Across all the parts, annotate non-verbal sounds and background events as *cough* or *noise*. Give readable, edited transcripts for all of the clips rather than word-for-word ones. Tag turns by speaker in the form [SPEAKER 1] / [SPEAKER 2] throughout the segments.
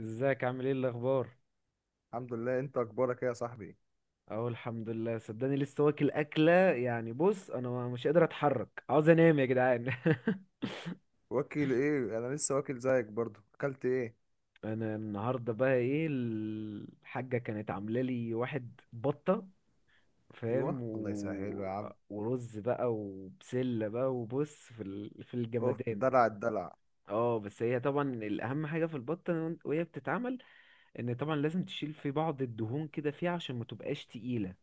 [SPEAKER 1] ازيك؟ عامل ايه؟ الاخبار؟
[SPEAKER 2] الحمد لله، انت اخبارك ايه يا صاحبي؟
[SPEAKER 1] اهو الحمد لله، صدقني لسه واكل اكله. يعني بص انا مش قادر اتحرك، عاوز انام يا جدعان. *laughs*
[SPEAKER 2] واكل ايه؟ انا لسه واكل زيك برضو. اكلت ايه؟
[SPEAKER 1] انا النهارده بقى ايه الحاجه كانت عامله لي واحد بطه، فاهم
[SPEAKER 2] ايوه، الله يسهله يا عم.
[SPEAKER 1] ورز بقى وبسله بقى، وبص في في
[SPEAKER 2] اوف،
[SPEAKER 1] الجمدان.
[SPEAKER 2] دلع الدلع.
[SPEAKER 1] اه بس هي طبعا الاهم حاجه في البطه وهي بتتعمل ان طبعا لازم تشيل في بعض الدهون كده فيها عشان ما تبقاش تقيله،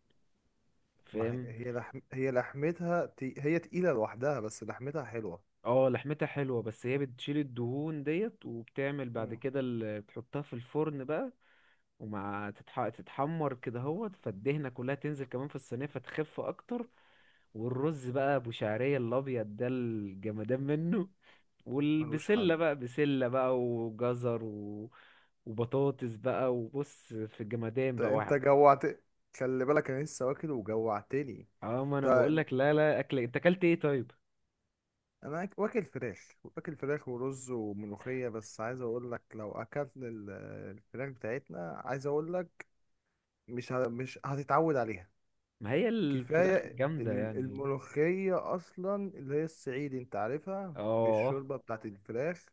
[SPEAKER 2] ما هي.
[SPEAKER 1] فاهم.
[SPEAKER 2] هي تقيله لوحدها، بس لحمتها حلوه.
[SPEAKER 1] اه لحمتها حلوة بس هي بتشيل الدهون ديت وبتعمل بعد
[SPEAKER 2] مم.
[SPEAKER 1] كده اللي بتحطها في الفرن بقى. ومع تتحمر كده هوت، فالدهنة كلها تنزل كمان في الصينية فتخف أكتر. والرز بقى أبو شعرية الأبيض ده، الجمدان منه.
[SPEAKER 2] ملوش حل.
[SPEAKER 1] والبسلة بقى بسلة بقى وجزر وبطاطس بقى، وبص في الجمدان بقى
[SPEAKER 2] انت جوعت. خلي بالك، انا لسه واكل وجوعتني.
[SPEAKER 1] اه ما انا بقول
[SPEAKER 2] ده
[SPEAKER 1] لك. لا لا، اكل إيه، انت اكلت ايه طيب؟
[SPEAKER 2] واكل فراخ ورز وملوخيه، بس عايز اقول لك لو اكلت الفراخ بتاعتنا، عايز اقول لك مش هتتعود عليها.
[SPEAKER 1] ما هي الفراخ
[SPEAKER 2] كفاية
[SPEAKER 1] الجامدة يعني.
[SPEAKER 2] الملوخية أصلا، اللي هي الصعيدي، أنت عارفها
[SPEAKER 1] اه
[SPEAKER 2] بالشوربة بتاعت الفراخ.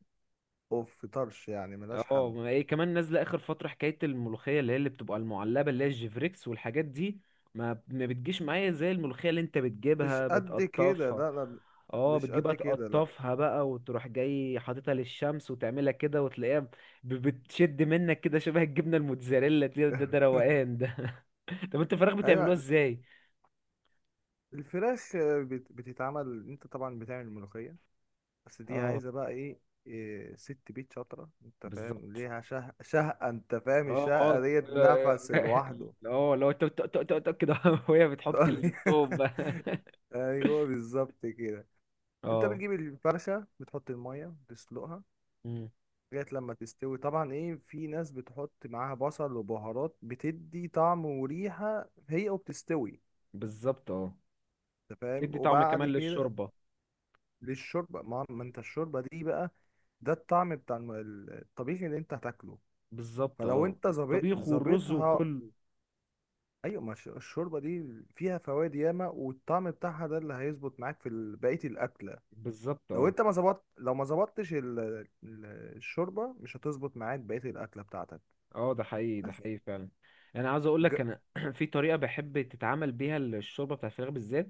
[SPEAKER 2] أوف طرش يعني، ملهاش
[SPEAKER 1] اه،
[SPEAKER 2] حل.
[SPEAKER 1] ما ايه كمان نازله اخر فتره حكايه الملوخيه اللي هي اللي بتبقى المعلبه اللي هي الجيفريكس والحاجات دي. ما بتجيش معايا زي الملوخيه اللي انت
[SPEAKER 2] مش
[SPEAKER 1] بتجيبها
[SPEAKER 2] قد كده،
[SPEAKER 1] بتقطفها.
[SPEAKER 2] لا، لا،
[SPEAKER 1] اه
[SPEAKER 2] مش
[SPEAKER 1] بتجيبها
[SPEAKER 2] قد كده، لا.
[SPEAKER 1] تقطفها بقى وتروح جاي حاططها للشمس وتعملها كده وتلاقيها بتشد منك كده شبه الجبنه الموتزاريلا دي. ده
[SPEAKER 2] *laughs*
[SPEAKER 1] روقان ده. *laughs* طب انت الفراخ بتعملوها
[SPEAKER 2] أيوة.
[SPEAKER 1] ازاي؟
[SPEAKER 2] الفراخ بتتعمل، أنت طبعا بتعمل الملوخية، بس دي
[SPEAKER 1] اه
[SPEAKER 2] عايزة بقى إيه؟ إيه، ست بيت شاطرة، أنت فاهم،
[SPEAKER 1] بالظبط.
[SPEAKER 2] ليها شهقة، أنت فاهم
[SPEAKER 1] اه
[SPEAKER 2] الشهقة
[SPEAKER 1] اه.
[SPEAKER 2] ديت، نفس لوحده.
[SPEAKER 1] *laughs* اه لو انت كده *laughs* وهي بتحط التوم بقى.
[SPEAKER 2] *laughs* أيوة، بالظبط كده.
[SPEAKER 1] *laughs*
[SPEAKER 2] انت
[SPEAKER 1] اه
[SPEAKER 2] بتجيب الفرخة، بتحط المية تسلقها لغاية لما تستوي، طبعا ايه، في ناس بتحط معاها بصل وبهارات، بتدي طعم وريحة هي وبتستوي،
[SPEAKER 1] بالظبط. اه
[SPEAKER 2] انت فاهم،
[SPEAKER 1] تدي طعم
[SPEAKER 2] وبعد
[SPEAKER 1] كمان
[SPEAKER 2] كده
[SPEAKER 1] للشوربة.
[SPEAKER 2] للشوربة. ما انت الشوربة دي بقى، ده الطعم بتاع الطبيخ اللي انت هتاكله،
[SPEAKER 1] بالظبط
[SPEAKER 2] فلو
[SPEAKER 1] اه،
[SPEAKER 2] انت
[SPEAKER 1] الطبيخ والرز
[SPEAKER 2] ظابطها.
[SPEAKER 1] وكله.
[SPEAKER 2] ايوه ما الشوربة دي فيها فوائد ياما، والطعم بتاعها ده اللي هيظبط معاك في بقية الأكلة.
[SPEAKER 1] بالظبط
[SPEAKER 2] لو
[SPEAKER 1] اه.
[SPEAKER 2] انت ما ظبطت، لو ما ظبطتش ال- الشوربه مش هتظبط معاك بقيه الاكله بتاعتك.
[SPEAKER 1] اه ده حقيقي، ده
[SPEAKER 2] بس
[SPEAKER 1] حقيقي فعلا. انا عاوز اقول
[SPEAKER 2] ج...
[SPEAKER 1] لك انا *clears throat* في طريقة بحب تتعمل بيها الشوربة بتاع الفراخ بالذات.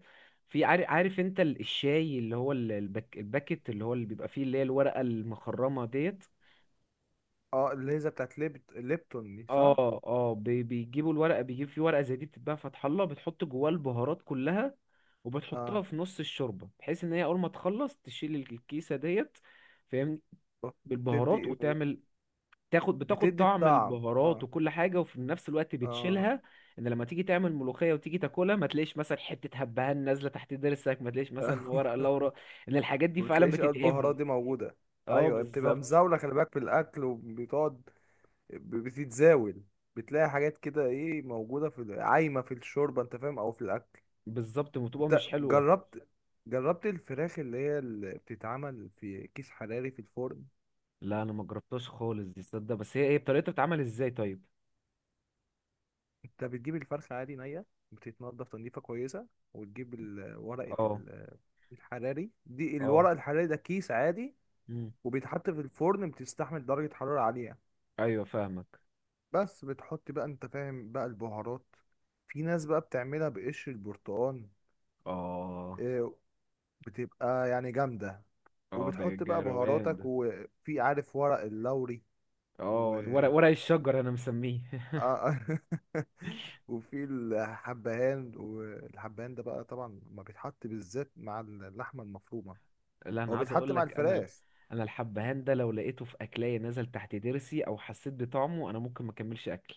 [SPEAKER 1] في عارف انت الشاي اللي هو البك الباكت اللي هو اللي بيبقى فيه اللي هي الورقة المخرمة ديت.
[SPEAKER 2] اه، الليزه بتاعت ليبتون دي، صح؟
[SPEAKER 1] اه اه، بيجيبوا الورقة، بيجيب فيه ورقة زي دي بتتباع فتح الله، بتحط جواه البهارات كلها، وبتحطها
[SPEAKER 2] اه،
[SPEAKER 1] في نص الشوربة بحيث ان هي اول ما تخلص تشيل الكيسة ديت. فاهمني، بالبهارات
[SPEAKER 2] بتدي
[SPEAKER 1] وتعمل، تاخد بتاخد
[SPEAKER 2] بتدي
[SPEAKER 1] طعم
[SPEAKER 2] الطعم،
[SPEAKER 1] البهارات
[SPEAKER 2] اه.
[SPEAKER 1] وكل حاجة وفي نفس الوقت
[SPEAKER 2] اه.
[SPEAKER 1] بتشيلها، ان لما تيجي تعمل ملوخية وتيجي تاكلها ما تلاقيش مثلا حتة هبهان نازلة تحت ضرسك، ما تلاقيش مثلا ورق
[SPEAKER 2] *laughs*
[SPEAKER 1] لورا. ان الحاجات دي
[SPEAKER 2] ما
[SPEAKER 1] فعلا
[SPEAKER 2] بتلاقيش قوي البهارات
[SPEAKER 1] بتتعبني.
[SPEAKER 2] دي موجوده.
[SPEAKER 1] اه
[SPEAKER 2] ايوه، بتبقى
[SPEAKER 1] بالظبط.
[SPEAKER 2] مزاوله، خلي بالك في الاكل وبتقعد، بتتزاول، بتلاقي حاجات كده ايه موجوده في عايمه في الشوربه، انت فاهم، او في الاكل.
[SPEAKER 1] بالظبط، وتبقى
[SPEAKER 2] انت
[SPEAKER 1] مش حلوة.
[SPEAKER 2] جربت؟ جربت الفراخ اللي هي اللي بتتعمل في كيس حراري في الفرن؟
[SPEAKER 1] لا انا ما جربتهاش خالص دي تصدق، بس هي ايه طريقتها، بتتعمل ازاي طيب؟
[SPEAKER 2] انت بتجيب الفرخة عادي نية، بتتنضف تنظيفة كويسة، وتجيب ورقة
[SPEAKER 1] اه
[SPEAKER 2] الحراري دي،
[SPEAKER 1] اه.
[SPEAKER 2] الورق الحراري ده كيس عادي،
[SPEAKER 1] مم.
[SPEAKER 2] وبيتحط في الفرن، بتستحمل درجة حرارة عالية.
[SPEAKER 1] ايوه فاهمك.
[SPEAKER 2] بس بتحط بقى، انت فاهم بقى، البهارات. في ناس بقى بتعملها بقشر البرتقال،
[SPEAKER 1] اه
[SPEAKER 2] اه، بتبقى يعني جامدة.
[SPEAKER 1] اه ده
[SPEAKER 2] وبتحط بقى
[SPEAKER 1] روقان ده.
[SPEAKER 2] بهاراتك، وفي عارف ورق اللوري،
[SPEAKER 1] اه ورق الشجر انا مسميه.
[SPEAKER 2] اه. *laughs* وفي الحبهان، والحبهان ده بقى طبعا ما بيتحط بالذات مع اللحمه المفرومه،
[SPEAKER 1] لا انا
[SPEAKER 2] هو
[SPEAKER 1] عايز
[SPEAKER 2] بيتحط
[SPEAKER 1] اقول
[SPEAKER 2] مع
[SPEAKER 1] لك
[SPEAKER 2] الفراخ.
[SPEAKER 1] انا الحبهان ده لو لقيته في اكلاية نزل تحت ضرسي او حسيت بطعمه انا ممكن ما اكملش اكل.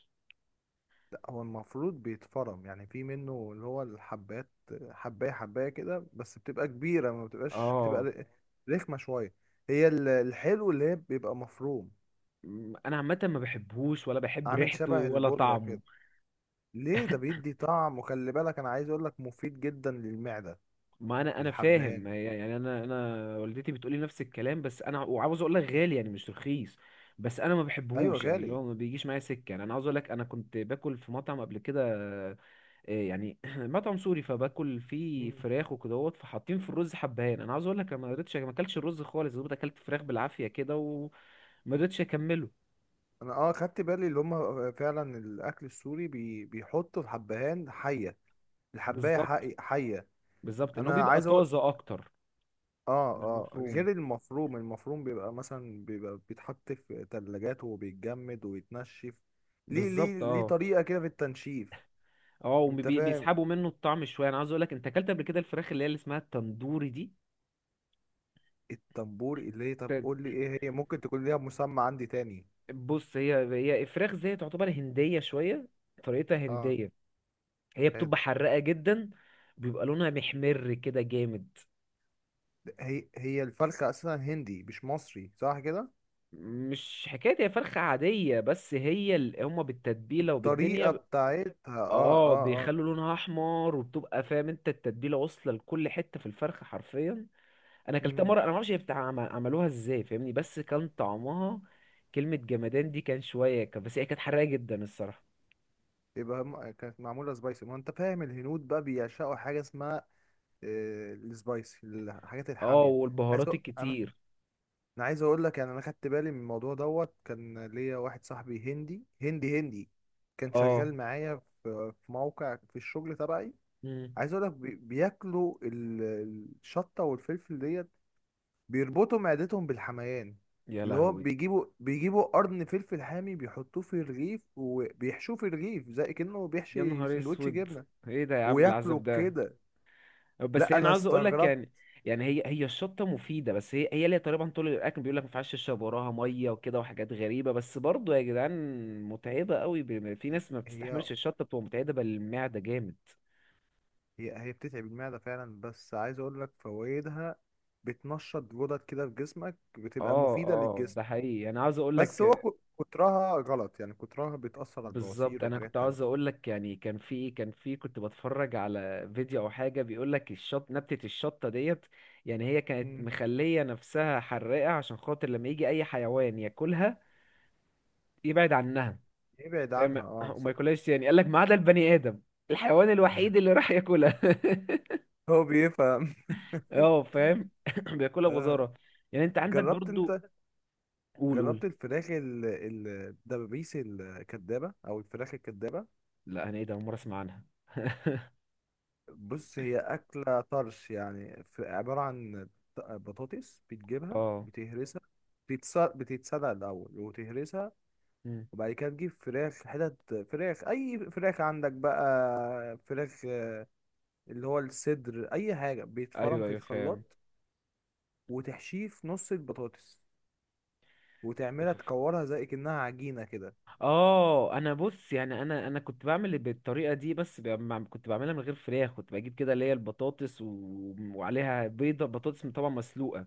[SPEAKER 2] لا، هو المفروض بيتفرم، يعني في منه اللي هو الحبات، حبايه حبايه كده، بس بتبقى كبيره ما بتبقاش، بتبقى
[SPEAKER 1] اه
[SPEAKER 2] رخمه شويه. هي الحلو اللي هي بيبقى مفروم،
[SPEAKER 1] انا عامه ما بحبهوش ولا بحب
[SPEAKER 2] عامل
[SPEAKER 1] ريحته
[SPEAKER 2] شبه
[SPEAKER 1] ولا
[SPEAKER 2] البودره
[SPEAKER 1] طعمه.
[SPEAKER 2] كده. ليه؟ ده بيدي طعم، وخلي بالك انا عايز اقول لك مفيد جدا للمعده
[SPEAKER 1] ما انا
[SPEAKER 2] الحبهان
[SPEAKER 1] فاهم
[SPEAKER 2] ده.
[SPEAKER 1] يعني. انا والدتي بتقولي نفس الكلام، بس انا وعاوز اقول لك غالي يعني، مش رخيص. بس انا ما
[SPEAKER 2] ايوه
[SPEAKER 1] بحبهوش يعني،
[SPEAKER 2] غالي.
[SPEAKER 1] اللي هو ما بيجيش معايا سكه. يعني انا عاوز اقول لك انا كنت باكل في مطعم قبل كده. إيه يعني *clears throat* مطعم سوري، فباكل فيه فراخ وكدهوت، فحاطين في الرز حبهان. انا عاوز اقول لك انا ما قدرتش، ما اكلتش الرز خالص، دوبت اكلت فراخ بالعافيه كده وما قدرتش اكمله.
[SPEAKER 2] انا، اه، خدت بالي اللي هم فعلا الاكل السوري بيحطوا الحبهان حيه، الحبايه
[SPEAKER 1] بالظبط.
[SPEAKER 2] حيه،
[SPEAKER 1] بالظبط، ان هو
[SPEAKER 2] انا
[SPEAKER 1] بيبقى
[SPEAKER 2] عايز اقول.
[SPEAKER 1] طازه اكتر
[SPEAKER 2] اه،
[SPEAKER 1] من
[SPEAKER 2] اه،
[SPEAKER 1] المفروم.
[SPEAKER 2] غير المفروم، المفروم بيبقى مثلا، بيتحط في تلاجات وبيتجمد ويتنشف، ليه ليه
[SPEAKER 1] بالظبط
[SPEAKER 2] ليه
[SPEAKER 1] اه.
[SPEAKER 2] طريقه كده في التنشيف،
[SPEAKER 1] اه
[SPEAKER 2] انت فاهم.
[SPEAKER 1] وبيسحبوا منه الطعم شويه. انا عاوز اقول لك، انت اكلت قبل كده الفراخ اللي هي اللي اسمها التندوري دي؟
[SPEAKER 2] التنبور اللي هي، طب قول لي
[SPEAKER 1] ت-
[SPEAKER 2] ايه هي، ممكن تكون ليها مسمى عندي تاني.
[SPEAKER 1] بص، هي الفراخ زي تعتبر هنديه شويه، طريقتها
[SPEAKER 2] اه.
[SPEAKER 1] هنديه. هي بتبقى حراقه جدا، بيبقى لونها محمر كده جامد.
[SPEAKER 2] هي الفرخه اصلا هندي مش مصري، صح كده؟
[SPEAKER 1] مش حكاية، هي فرخة عادية، بس هي هما بالتتبيلة وبالدنيا
[SPEAKER 2] الطريقه بتاعتها، اه،
[SPEAKER 1] اه
[SPEAKER 2] اه، اه.
[SPEAKER 1] بيخلوا لونها احمر، وبتبقى فاهم انت التتبيلة واصلة لكل حتة في الفرخة حرفيا. انا اكلتها
[SPEAKER 2] مم.
[SPEAKER 1] مرة، انا معرفش هي بتاع عملوها ازاي، فاهمني، بس كان طعمها كلمة جمدان دي. كان شوية كان بس هي كانت حراقة جدا الصراحة.
[SPEAKER 2] يبقى كانت معمولة سبايسي، ما انت فاهم الهنود بقى بيعشقوا حاجة اسمها، آه، السبايسي، الحاجات
[SPEAKER 1] اه
[SPEAKER 2] الحامية. عايز أ-
[SPEAKER 1] والبهارات
[SPEAKER 2] انا
[SPEAKER 1] الكتير.
[SPEAKER 2] انا عايز اقول لك يعني، انا خدت بالي من الموضوع دوت، كان ليا واحد صاحبي هندي هندي هندي، كان
[SPEAKER 1] اه.
[SPEAKER 2] شغال معايا في موقع في الشغل تبعي.
[SPEAKER 1] مم.
[SPEAKER 2] عايز اقول لك بياكلوا الشطة والفلفل ديت، بيربطوا معدتهم بالحميان.
[SPEAKER 1] يا
[SPEAKER 2] اللي هو
[SPEAKER 1] لهوي.
[SPEAKER 2] بيجيبوا قرن فلفل حامي، بيحطوه في الرغيف، وبيحشوه في الرغيف زي كأنه
[SPEAKER 1] يا
[SPEAKER 2] بيحشي
[SPEAKER 1] نهار
[SPEAKER 2] سندوتش
[SPEAKER 1] اسود،
[SPEAKER 2] جبنة،
[SPEAKER 1] ايه ده يا عم
[SPEAKER 2] وياكلوا
[SPEAKER 1] العذاب ده.
[SPEAKER 2] كده.
[SPEAKER 1] بس
[SPEAKER 2] لا،
[SPEAKER 1] انا
[SPEAKER 2] انا
[SPEAKER 1] عاوز اقول لك
[SPEAKER 2] استغربت.
[SPEAKER 1] يعني، يعني هي الشطه مفيده، بس هي ليها طريقه. طول الاكل بيقول لك ما ينفعش تشرب وراها ميه وكده وحاجات غريبه، بس برضه يا جدعان متعبه قوي. في ناس ما
[SPEAKER 2] هي،
[SPEAKER 1] بتستحملش الشطه، بتبقى متعبه للمعده جامد.
[SPEAKER 2] هي بتتعب المعدة فعلا، بس عايز اقول لك فوائدها بتنشط غدد كده في جسمك، بتبقى
[SPEAKER 1] اه
[SPEAKER 2] مفيدة
[SPEAKER 1] اه،
[SPEAKER 2] للجسم.
[SPEAKER 1] ده حقيقي. انا عاوز اقول
[SPEAKER 2] بس
[SPEAKER 1] لك
[SPEAKER 2] هو كترها غلط يعني، كترها بتأثر على
[SPEAKER 1] بالظبط.
[SPEAKER 2] البواسير
[SPEAKER 1] انا كنت
[SPEAKER 2] وحاجات تانية.
[SPEAKER 1] عاوز اقول لك يعني، كان في كنت بتفرج على فيديو او حاجه، بيقول لك الشط نبتة الشطه ديت يعني هي كانت
[SPEAKER 2] مم.
[SPEAKER 1] مخليه نفسها حراقه عشان خاطر لما يجي اي حيوان ياكلها يبعد عنها.
[SPEAKER 2] ابعد عنها،
[SPEAKER 1] فاهم.
[SPEAKER 2] اه،
[SPEAKER 1] *laughs* وما
[SPEAKER 2] صح.
[SPEAKER 1] ياكلهاش يعني، قال لك ما عدا البني ادم، الحيوان الوحيد اللي راح ياكلها. *laughs*
[SPEAKER 2] هو بيفهم. *laughs*
[SPEAKER 1] اه فاهم. *laughs* بياكلها
[SPEAKER 2] آه.
[SPEAKER 1] بغزاره. يعني انت عندك
[SPEAKER 2] جربت انت؟
[SPEAKER 1] برضو. قول قول.
[SPEAKER 2] جربت الفراخ الدبابيس الكدابة او الفراخ الكدابة؟
[SPEAKER 1] لا، انا ايه ده، أول مره اسمع عنها. *laughs*
[SPEAKER 2] بص، هي أكلة طرش يعني، في عبارة عن بطاطس، بتجيبها
[SPEAKER 1] اه.
[SPEAKER 2] بتهرسها، بتتسلق الأول وتهرسها.
[SPEAKER 1] مم.
[SPEAKER 2] وبعد كده تجيب فراخ، حتت فراخ، أي فراخ عندك بقى فراخ، آه، اللي هو الصدر أي حاجة، بيتفرم
[SPEAKER 1] ايوه
[SPEAKER 2] في
[SPEAKER 1] ايوه فاهم.
[SPEAKER 2] الخلاط، وتحشيه في نص البطاطس، وتعملها تكورها زي كأنها عجينة كده،
[SPEAKER 1] اه انا بص يعني، انا كنت بعمل بالطريقه دي، بس كنت بعملها من غير فراخ. كنت بجيب كده اللي هي البطاطس وعليها بيضه، بطاطس طبعا مسلوقه،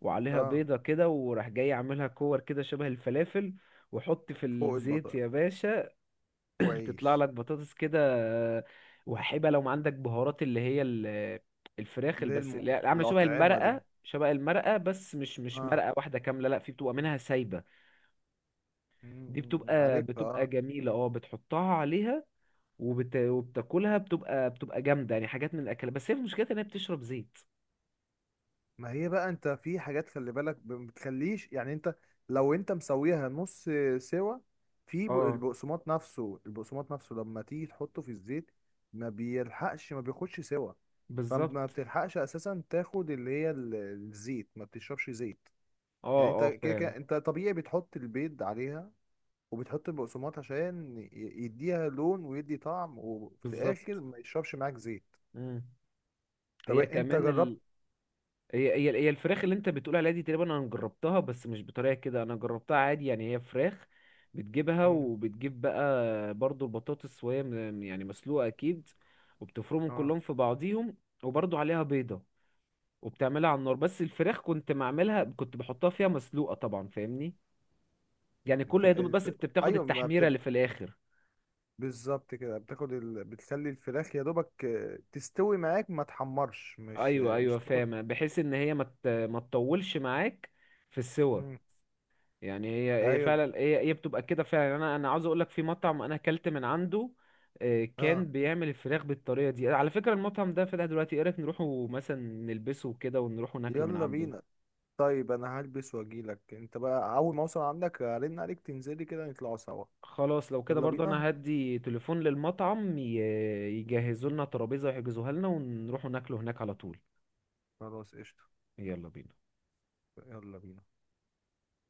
[SPEAKER 1] وعليها
[SPEAKER 2] اه،
[SPEAKER 1] بيضه كده، وراح جاي عاملها كور كده شبه الفلافل، واحط في
[SPEAKER 2] فوق
[SPEAKER 1] الزيت يا
[SPEAKER 2] البطاطس
[SPEAKER 1] باشا، تطلع
[SPEAKER 2] وعيش.
[SPEAKER 1] لك بطاطس كده. آه، وهيبقى لو ما عندك بهارات اللي هي الفراخ اللي
[SPEAKER 2] اللي هي
[SPEAKER 1] بس اللي عامله شبه
[SPEAKER 2] الأطعمة
[SPEAKER 1] المرقه،
[SPEAKER 2] دي،
[SPEAKER 1] شبه المرقه بس، مش
[SPEAKER 2] اه.
[SPEAKER 1] مرقه واحده كامله لا، في بتبقى منها سايبه.
[SPEAKER 2] م-
[SPEAKER 1] دي
[SPEAKER 2] م- م،
[SPEAKER 1] بتبقى،
[SPEAKER 2] عارفها، اه.
[SPEAKER 1] جميله اه، بتحطها عليها. وبتاكلها، بتبقى، جامده يعني، حاجات من الاكل، بس هي مشكلتها ان هي بتشرب زيت.
[SPEAKER 2] ما هي بقى، انت في حاجات خلي بالك، ما بتخليش يعني انت لو انت مسويها نص سوا. في،
[SPEAKER 1] اه
[SPEAKER 2] البقسماط نفسه لما تيجي تحطه في الزيت، ما بيلحقش، ما بياخدش سوا، فما
[SPEAKER 1] بالظبط.
[SPEAKER 2] بتلحقش اساسا تاخد اللي هي الزيت، ما بتشربش زيت.
[SPEAKER 1] اه
[SPEAKER 2] يعني انت
[SPEAKER 1] اه
[SPEAKER 2] كده
[SPEAKER 1] فاهم.
[SPEAKER 2] كده، انت طبيعي بتحط البيض عليها، وبتحط البقسماط عشان يديها لون ويدي طعم، وفي
[SPEAKER 1] بالظبط.
[SPEAKER 2] الاخر ما يشربش معاك زيت.
[SPEAKER 1] مم.
[SPEAKER 2] طب
[SPEAKER 1] هي
[SPEAKER 2] انت
[SPEAKER 1] كمان،
[SPEAKER 2] جربت؟
[SPEAKER 1] هي الفراخ اللي انت بتقول عليها دي تقريبا انا جربتها، بس مش بطريقه كده، انا جربتها عادي يعني. هي فراخ بتجيبها،
[SPEAKER 2] مم.
[SPEAKER 1] وبتجيب بقى برضو البطاطس، وهي يعني مسلوقه اكيد، وبتفرمهم
[SPEAKER 2] اه،
[SPEAKER 1] كلهم في بعضيهم، وبرضو عليها بيضه، وبتعملها على النار. بس الفراخ كنت معملها، كنت بحطها فيها مسلوقه طبعا، فاهمني، يعني كل يا
[SPEAKER 2] الفرق
[SPEAKER 1] دوب بس
[SPEAKER 2] الفرق
[SPEAKER 1] بتاخد
[SPEAKER 2] ايوه ما
[SPEAKER 1] التحميره
[SPEAKER 2] بتبقى
[SPEAKER 1] اللي في الاخر.
[SPEAKER 2] بالظبط كده، بتاخد بتخلي الفراخ يا دوبك، آه، تستوي معاك ما تحمرش،
[SPEAKER 1] ايوه
[SPEAKER 2] مش
[SPEAKER 1] ايوه
[SPEAKER 2] تاخد.
[SPEAKER 1] فاهمه، بحيث ان هي ما تطولش معاك في السوى.
[SPEAKER 2] مم.
[SPEAKER 1] يعني هي
[SPEAKER 2] ايوه،
[SPEAKER 1] فعلا، هي بتبقى كده فعلا يعني. انا عاوز اقول لك في مطعم انا اكلت من عنده. آه، كان
[SPEAKER 2] اه،
[SPEAKER 1] بيعمل الفراخ بالطريقه دي. على فكره المطعم ده فتح دلوقتي، ايه رايك نروحوا مثلا نلبسه كده ونروحوا ناكله من
[SPEAKER 2] يلا
[SPEAKER 1] عنده؟
[SPEAKER 2] بينا. طيب، انا هلبس واجيلك، انت بقى اول ما اوصل عندك هرن عليك، تنزلي كده نطلعوا سوا.
[SPEAKER 1] خلاص لو كده
[SPEAKER 2] يلا
[SPEAKER 1] برضه
[SPEAKER 2] بينا.
[SPEAKER 1] انا هدي تليفون للمطعم يجهزوا لنا ترابيزه ويحجزوها لنا، ونروحوا ناكله هناك على طول.
[SPEAKER 2] خلاص، قشطة.
[SPEAKER 1] يلا بينا.
[SPEAKER 2] يلا بينا.